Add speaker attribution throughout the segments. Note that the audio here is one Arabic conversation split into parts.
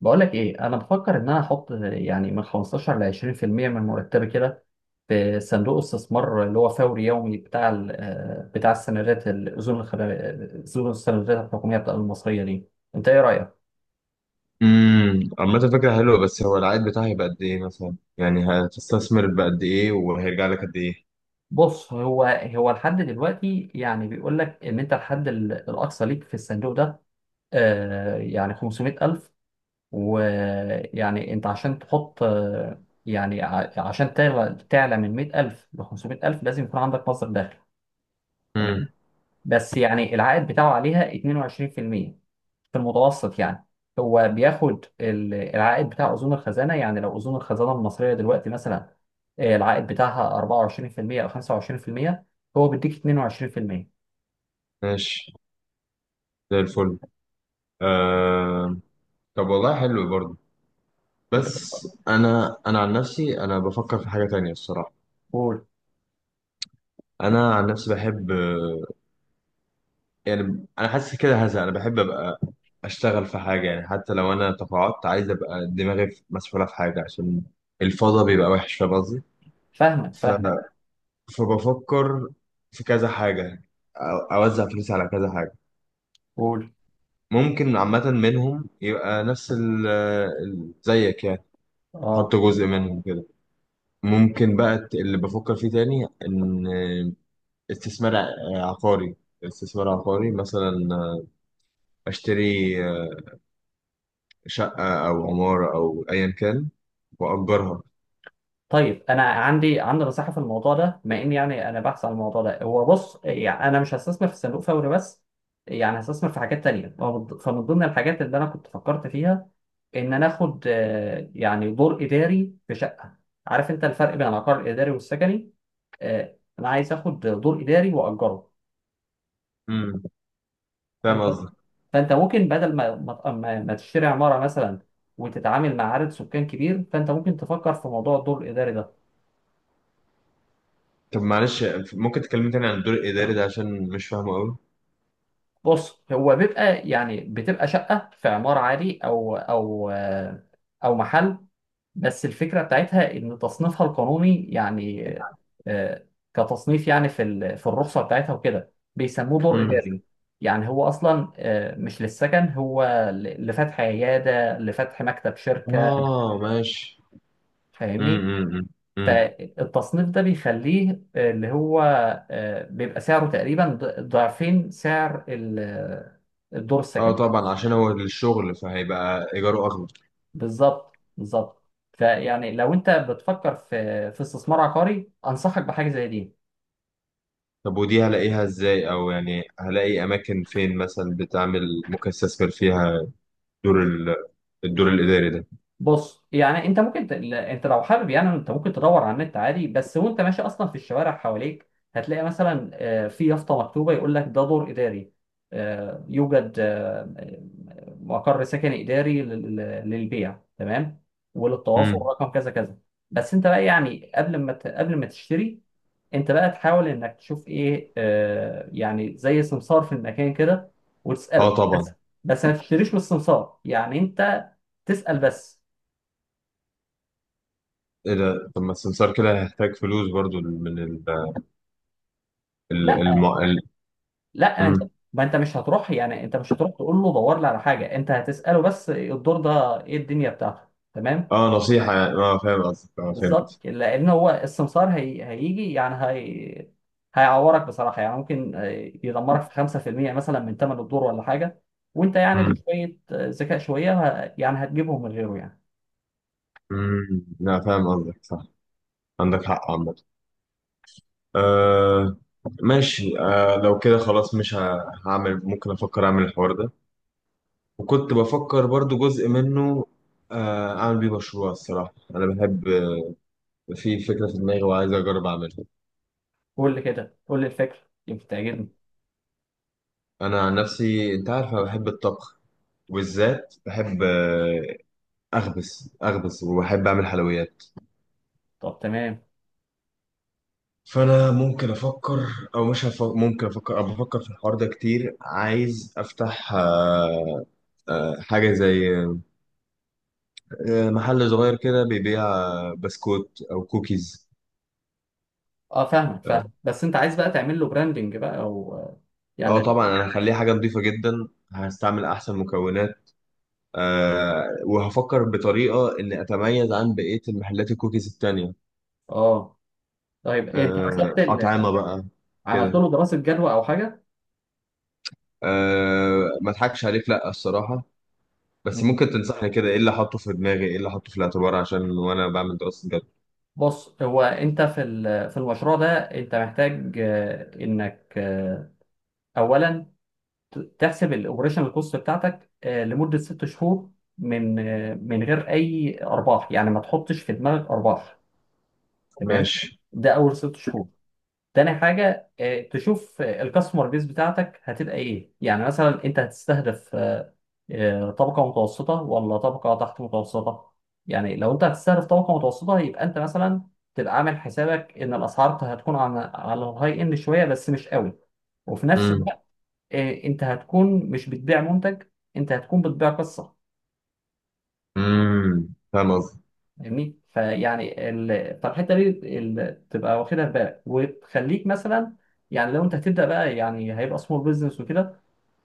Speaker 1: بقول لك ايه، انا بفكر ان انا احط يعني من 15 ل 20% من مرتبي كده في صندوق استثمار اللي هو فوري يومي بتاع بتاع السندات الاذون اذون السندات الحكوميه بتاع المصريه دي. انت ايه رايك؟
Speaker 2: عامة فكرة حلوة، بس هو العائد بتاعها هيبقى قد ايه مثلا؟ يعني هتستثمر بقد ايه وهيرجع لك قد ايه؟
Speaker 1: بص، هو لحد دلوقتي يعني بيقول لك ان انت الحد الاقصى ليك في الصندوق ده يعني 500000، ويعني انت عشان تحط يعني عشان تعلى من 100000 ل 500000 لازم يكون عندك مصدر دخل.
Speaker 2: امم
Speaker 1: بس يعني العائد بتاعه عليها 22% في المية في المتوسط يعني. هو بياخد العائد بتاع أذون الخزانة، يعني لو أذون الخزانة المصرية دلوقتي مثلا العائد بتاعها 24% أو 25%، هو بيديك 22%.
Speaker 2: ماشي، زي الفل. آه. طب، والله حلو برضه.
Speaker 1: أنت
Speaker 2: بس انا عن نفسي انا بفكر في حاجة تانية الصراحة.
Speaker 1: قول.
Speaker 2: انا عن نفسي بحب، يعني انا حاسس كده، هذا انا بحب ابقى اشتغل في حاجة، يعني حتى لو انا تقاعدت عايز ابقى دماغي مسؤولة في حاجة، عشان الفضا بيبقى وحش. فاهم قصدي؟
Speaker 1: فاهمك فاهمك.
Speaker 2: فبفكر في كذا حاجة، أوزع فلوسي على كذا حاجة.
Speaker 1: قول.
Speaker 2: ممكن عامة منهم يبقى نفس زيك يعني.
Speaker 1: اه،
Speaker 2: أحط جزء منهم كده. ممكن بقى اللي بفكر فيه تاني إن استثمار عقاري. استثمار عقاري مثلا. أشتري شقة أو عمارة أو أيا كان، وأجرها.
Speaker 1: طيب، انا عندي نصيحه في الموضوع ده، بما اني يعني انا بحث عن الموضوع ده. هو بص، يعني انا مش هستثمر في الصندوق فوري بس، يعني هستثمر في حاجات تانية. فمن ضمن الحاجات اللي انا كنت فكرت فيها ان انا اخد يعني دور اداري في شقه. عارف انت الفرق بين العقار الاداري والسكني؟ انا عايز اخد دور اداري واجره.
Speaker 2: امم فاهم
Speaker 1: فانت
Speaker 2: قصدك.
Speaker 1: فانت ممكن بدل ما تشتري عماره مثلا وتتعامل مع عدد سكان كبير، فانت ممكن تفكر في موضوع الدور الاداري ده.
Speaker 2: طب معلش، ممكن تكلمني تاني عن الدور الإداري ده، عشان مش فاهمه أوي.
Speaker 1: بص، هو بيبقى يعني بتبقى شقه في عماره عادي او او محل، بس الفكرة بتاعتها إن تصنيفها القانوني يعني آه، كتصنيف، يعني في في الرخصة بتاعتها وكده، بيسموه دور
Speaker 2: امم.
Speaker 1: إداري. يعني هو أصلا مش للسكن، هو لفتح عيادة، لفتح مكتب شركة.
Speaker 2: آه، ماشي.
Speaker 1: فاهمني؟
Speaker 2: امم. امم.
Speaker 1: فالتصنيف ده بيخليه آه، اللي هو آه، بيبقى سعره تقريبا ضعفين سعر الدور
Speaker 2: اه،
Speaker 1: السكني.
Speaker 2: طبعا، عشان هو الشغل فهيبقى ايجاره اغلى.
Speaker 1: بالظبط بالظبط. فيعني لو انت بتفكر في استثمار عقاري انصحك بحاجه زي دي.
Speaker 2: طب ودي هلاقيها ازاي، او يعني هلاقي اماكن فين مثلا بتعمل؟ ممكن استثمر فيها دور ال- الدور الاداري ده.
Speaker 1: بص، يعني انت ممكن انت لو حابب، يعني انت ممكن تدور على النت عادي، بس وانت ماشي اصلا في الشوارع حواليك هتلاقي مثلا في يافطه مكتوبه يقول لك ده دور اداري، آه، يوجد آه، مقر سكني اداري للبيع، تمام، وللتواصل
Speaker 2: امم.
Speaker 1: رقم كذا كذا. بس انت بقى، يعني قبل ما تشتري انت بقى تحاول انك تشوف ايه يعني زي سمسار في المكان كده،
Speaker 2: اه
Speaker 1: وتساله بس.
Speaker 2: طبعا.
Speaker 1: بس ما تشتريش من السمسار، يعني انت تسأل بس.
Speaker 2: ايه ده؟ طب ما السمسار كده هيحتاج فلوس برضو من ال
Speaker 1: لا،
Speaker 2: ال الم... ال...
Speaker 1: لا، انت،
Speaker 2: مم.
Speaker 1: ما انت مش هتروح، يعني انت مش هتروح تقول له دور لي على حاجه، انت هتساله بس الدور ده ايه الدنيا بتاعته، تمام.
Speaker 2: اه، نصيحة يعني، اه، فاهم قصدك، اه، فهمت.
Speaker 1: بالظبط، لان هو السمسار هيجي يعني هيعورك بصراحه، يعني ممكن يدمرك في 5% مثلا من ثمن الدور ولا حاجه، وانت يعني
Speaker 2: امم.
Speaker 1: بشويه ذكاء شويه يعني هتجيبهم من غيره يعني.
Speaker 2: امم، لا فاهم قصدك صح. عندك حق عامة. آه. ماشي، آه، لو كده خلاص مش هعمل، ممكن افكر اعمل الحوار ده. وكنت بفكر برضو جزء منه، اعمل بيه مشروع، الصراحة انا بحب، في فكرة في دماغي وعايز اجرب اعملها.
Speaker 1: قول لي كده، قول لي الفكره يمكن تعجبني.
Speaker 2: انا عن نفسي، انت عارف، انا بحب الطبخ، وبالذات بحب، اخبز اخبز، وبحب اعمل حلويات.
Speaker 1: طب تمام.
Speaker 2: فانا ممكن افكر، او مش هف... ممكن افكر، او بفكر في الحوار ده كتير. عايز افتح، حاجة زي، محل صغير كده بيبيع بسكوت او كوكيز.
Speaker 1: اه، فاهمك،
Speaker 2: اه.
Speaker 1: فاهم، بس انت عايز بقى تعمل له براندنج بقى او يعني.
Speaker 2: طبعا انا هخليه حاجه نظيفه جدا، هستعمل احسن مكونات. وهفكر بطريقه اني اتميز عن بقيه المحلات الكوكيز التانية.
Speaker 1: اه، طيب، انت
Speaker 2: أه،
Speaker 1: حسبت
Speaker 2: اطعمه بقى
Speaker 1: عملت
Speaker 2: كده.
Speaker 1: له دراسة جدوى أو حاجة؟
Speaker 2: أه، ما اضحكش عليك، لا الصراحه. بس
Speaker 1: مم.
Speaker 2: ممكن تنصحني كده، ايه اللي احطه في دماغي، ايه اللي احطه في الاعتبار عشان وانا بعمل دراسه جدوى؟
Speaker 1: بص، هو أنت في في المشروع ده أنت محتاج آه، إنك آه، أولا تحسب الأوبريشنال كوست بتاعتك لمدة 6 شهور، من غير أي أرباح، يعني ما تحطش في دماغك أرباح، تمام.
Speaker 2: ماشي.
Speaker 1: ده أول 6 شهور. تاني حاجة تشوف الكاستمر بيس بتاعتك هتبقى إيه، يعني مثلا أنت هتستهدف طبقة متوسطة ولا طبقة تحت متوسطة. يعني لو انت هتستهدف طبقة متوسطة يبقى انت مثلا تبقى عامل حسابك ان الاسعار هتكون على الهاي اند شوية، بس مش قوي. وفي نفس
Speaker 2: امم.
Speaker 1: الوقت انت هتكون مش بتبيع منتج، انت هتكون بتبيع قصة.
Speaker 2: امم، فاهم قصدي.
Speaker 1: فاهمني؟ فيعني فالحتة دي تبقى واخدها في بالك وتخليك مثلا. يعني لو انت هتبدأ بقى يعني هيبقى سمول بزنس وكده،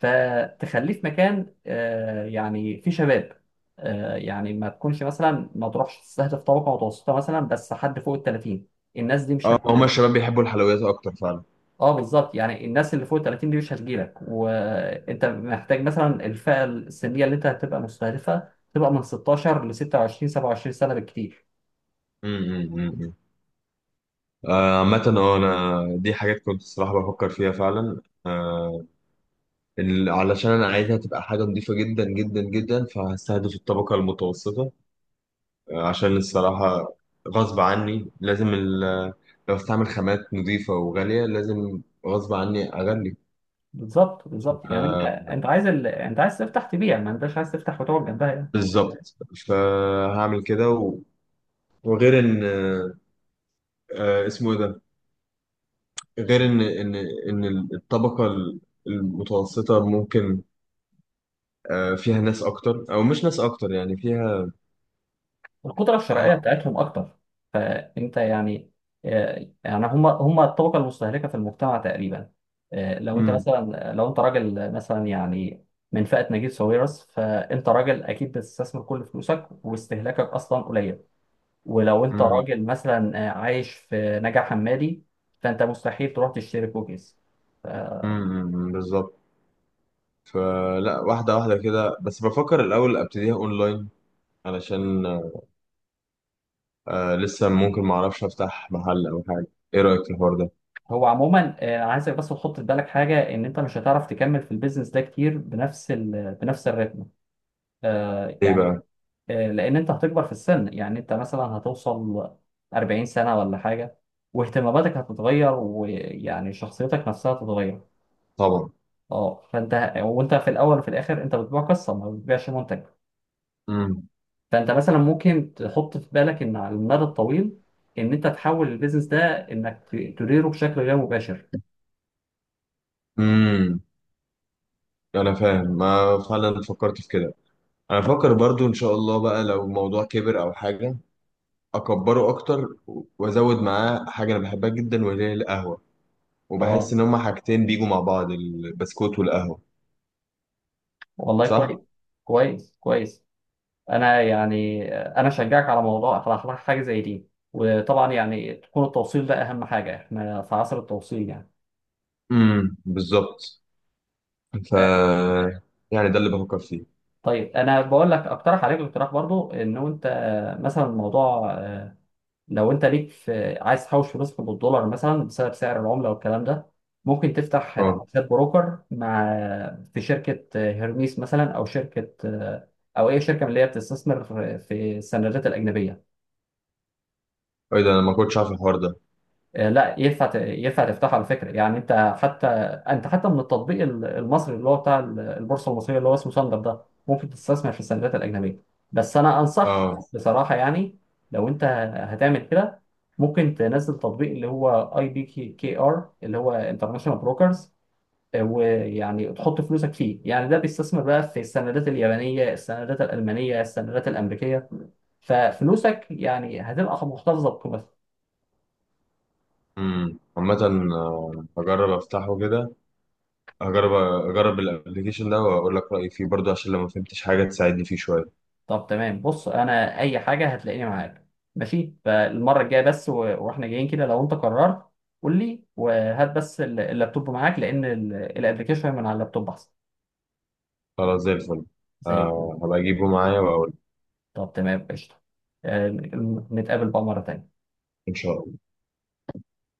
Speaker 1: فتخليه في مكان يعني فيه شباب، يعني ما تكونش مثلا ما تروحش تستهدف طبقه متوسطه مثلا بس حد فوق ال 30، الناس دي مش
Speaker 2: اه، هما
Speaker 1: هتجيلك.
Speaker 2: الشباب بيحبوا الحلويات اكتر فعلا.
Speaker 1: اه، بالظبط، يعني الناس اللي فوق ال 30 دي مش هتجيلك، وانت محتاج مثلا الفئه السنيه اللي انت هتبقى مستهدفها تبقى من 16 ل 26 27 سنه بالكتير.
Speaker 2: امم. عامة، اه انا دي حاجات كنت الصراحة بفكر فيها فعلا، علشان انا عايزها تبقى حاجة نظيفة جدا جدا جدا، فهستهدف الطبقة المتوسطة. عشان الصراحة غصب عني لازم لو استعمل خامات نظيفة وغالية، لازم غصب عني اغلي.
Speaker 1: بالظبط بالظبط، يعني انت
Speaker 2: آه،
Speaker 1: انت عايز انت عايز تفتح تبيع، ما انتش عايز تفتح وتقعد جنبها.
Speaker 2: بالظبط. فهعمل كده، وغير ان، اسمه ايه ده؟ غير ان الطبقة المتوسطة ممكن، فيها ناس اكتر او مش ناس اكتر، يعني فيها،
Speaker 1: القدرة الشرائية
Speaker 2: آه،
Speaker 1: بتاعتهم أكتر، فأنت يعني يعني هم هم الطبقة المستهلكة في المجتمع تقريبا.
Speaker 2: امم.
Speaker 1: لو أنت راجل مثلا، يعني من فئة نجيب ساويرس، فأنت راجل أكيد بتستثمر كل فلوسك واستهلاكك أصلا قليل. ولو أنت
Speaker 2: امم.
Speaker 1: راجل مثلا عايش في نجع حمادي فأنت مستحيل تروح تشتري كوكيز.
Speaker 2: امم. بالظبط. فلا، واحده واحده كده، بس بفكر الاول ابتديها اونلاين، علشان لسه ممكن ما اعرفش افتح محل او حاجه. ايه رايك في الحوار ده؟
Speaker 1: هو عموما عايزك بس تحط في بالك حاجة إن أنت مش هتعرف تكمل في البيزنس ده كتير بنفس بنفس الريتم، آه،
Speaker 2: ايه بقى؟
Speaker 1: لان انت هتكبر في السن، يعني انت مثلا هتوصل 40 سنة ولا حاجة واهتماماتك هتتغير، ويعني شخصيتك نفسها هتتغير.
Speaker 2: طبعا.
Speaker 1: اه، فانت وانت في الاول وفي الاخر انت بتبيع قصة، ما بتبيعش منتج.
Speaker 2: امم.
Speaker 1: فانت مثلا ممكن تحط في بالك ان على المدى الطويل، ان انت تحول البيزنس ده انك تديره بشكل غير مباشر.
Speaker 2: امم. انا فاهم، ما فعلا فكرت في كده. انا بفكر برضو ان شاء الله بقى، لو الموضوع كبر او حاجه، اكبره اكتر، وازود معاه حاجه انا بحبها جدا، وهي القهوه. وبحس
Speaker 1: اه،
Speaker 2: ان هما حاجتين بيجوا مع بعض، البسكوت والقهوة.
Speaker 1: والله كويس.
Speaker 2: صح؟
Speaker 1: كويس كويس. انا يعني انا اشجعك على موضوع، على حاجه زي دي، وطبعا يعني تكون التوصيل ده اهم حاجه، احنا في عصر التوصيل يعني.
Speaker 2: امم، بالظبط. ف
Speaker 1: آه،
Speaker 2: يعني ده اللي بفكر فيه.
Speaker 1: طيب، انا بقول لك اقترح عليك اقتراح برضو انه انت مثلا الموضوع لو انت ليك في، عايز تحوش فلوسك بالدولار مثلا بسبب سعر العمله والكلام ده، ممكن تفتح
Speaker 2: اه.
Speaker 1: حساب بروكر مع، في شركه هيرميس مثلا او اي شركه من اللي هي بتستثمر في السندات الاجنبيه.
Speaker 2: ايه ده، انا ما كنتش عارف الحوار ده.
Speaker 1: لا، ينفع تفتحه على فكره، يعني انت حتى من التطبيق المصري اللي هو بتاع البورصه المصريه اللي هو اسمه ساندر ده، ممكن تستثمر في السندات الاجنبيه. بس انا انصح
Speaker 2: اه.
Speaker 1: بصراحه، يعني لو انت هتعمل كده ممكن تنزل تطبيق اللي هو IBKR، اللي هو انترناشونال بروكرز، ويعني تحط فلوسك فيه، يعني ده بيستثمر بقى في السندات اليابانيه، السندات الالمانيه، السندات الامريكيه، ففلوسك يعني هتبقى محتفظه بقيمتها.
Speaker 2: عامة، هجرب افتحه كده. هجرب. اجرب الابلكيشن ده واقول لك رأيي فيه برضه، عشان لو ما فهمتش حاجة تساعدني فيه شوية.
Speaker 1: طب تمام، بص انا اي حاجه هتلاقيني معاك، ماشي. فالمره الجايه بس واحنا جايين كده لو انت قررت قول لي، وهات بس اللابتوب معاك لان الابلكيشن من على اللابتوب احسن.
Speaker 2: خلاص، زي الفل.
Speaker 1: زي الفل.
Speaker 2: هبقى اجيبه معايا واقول.
Speaker 1: طب تمام، قشطه. آه، نتقابل بقى مره تانيه.
Speaker 2: ان شاء الله.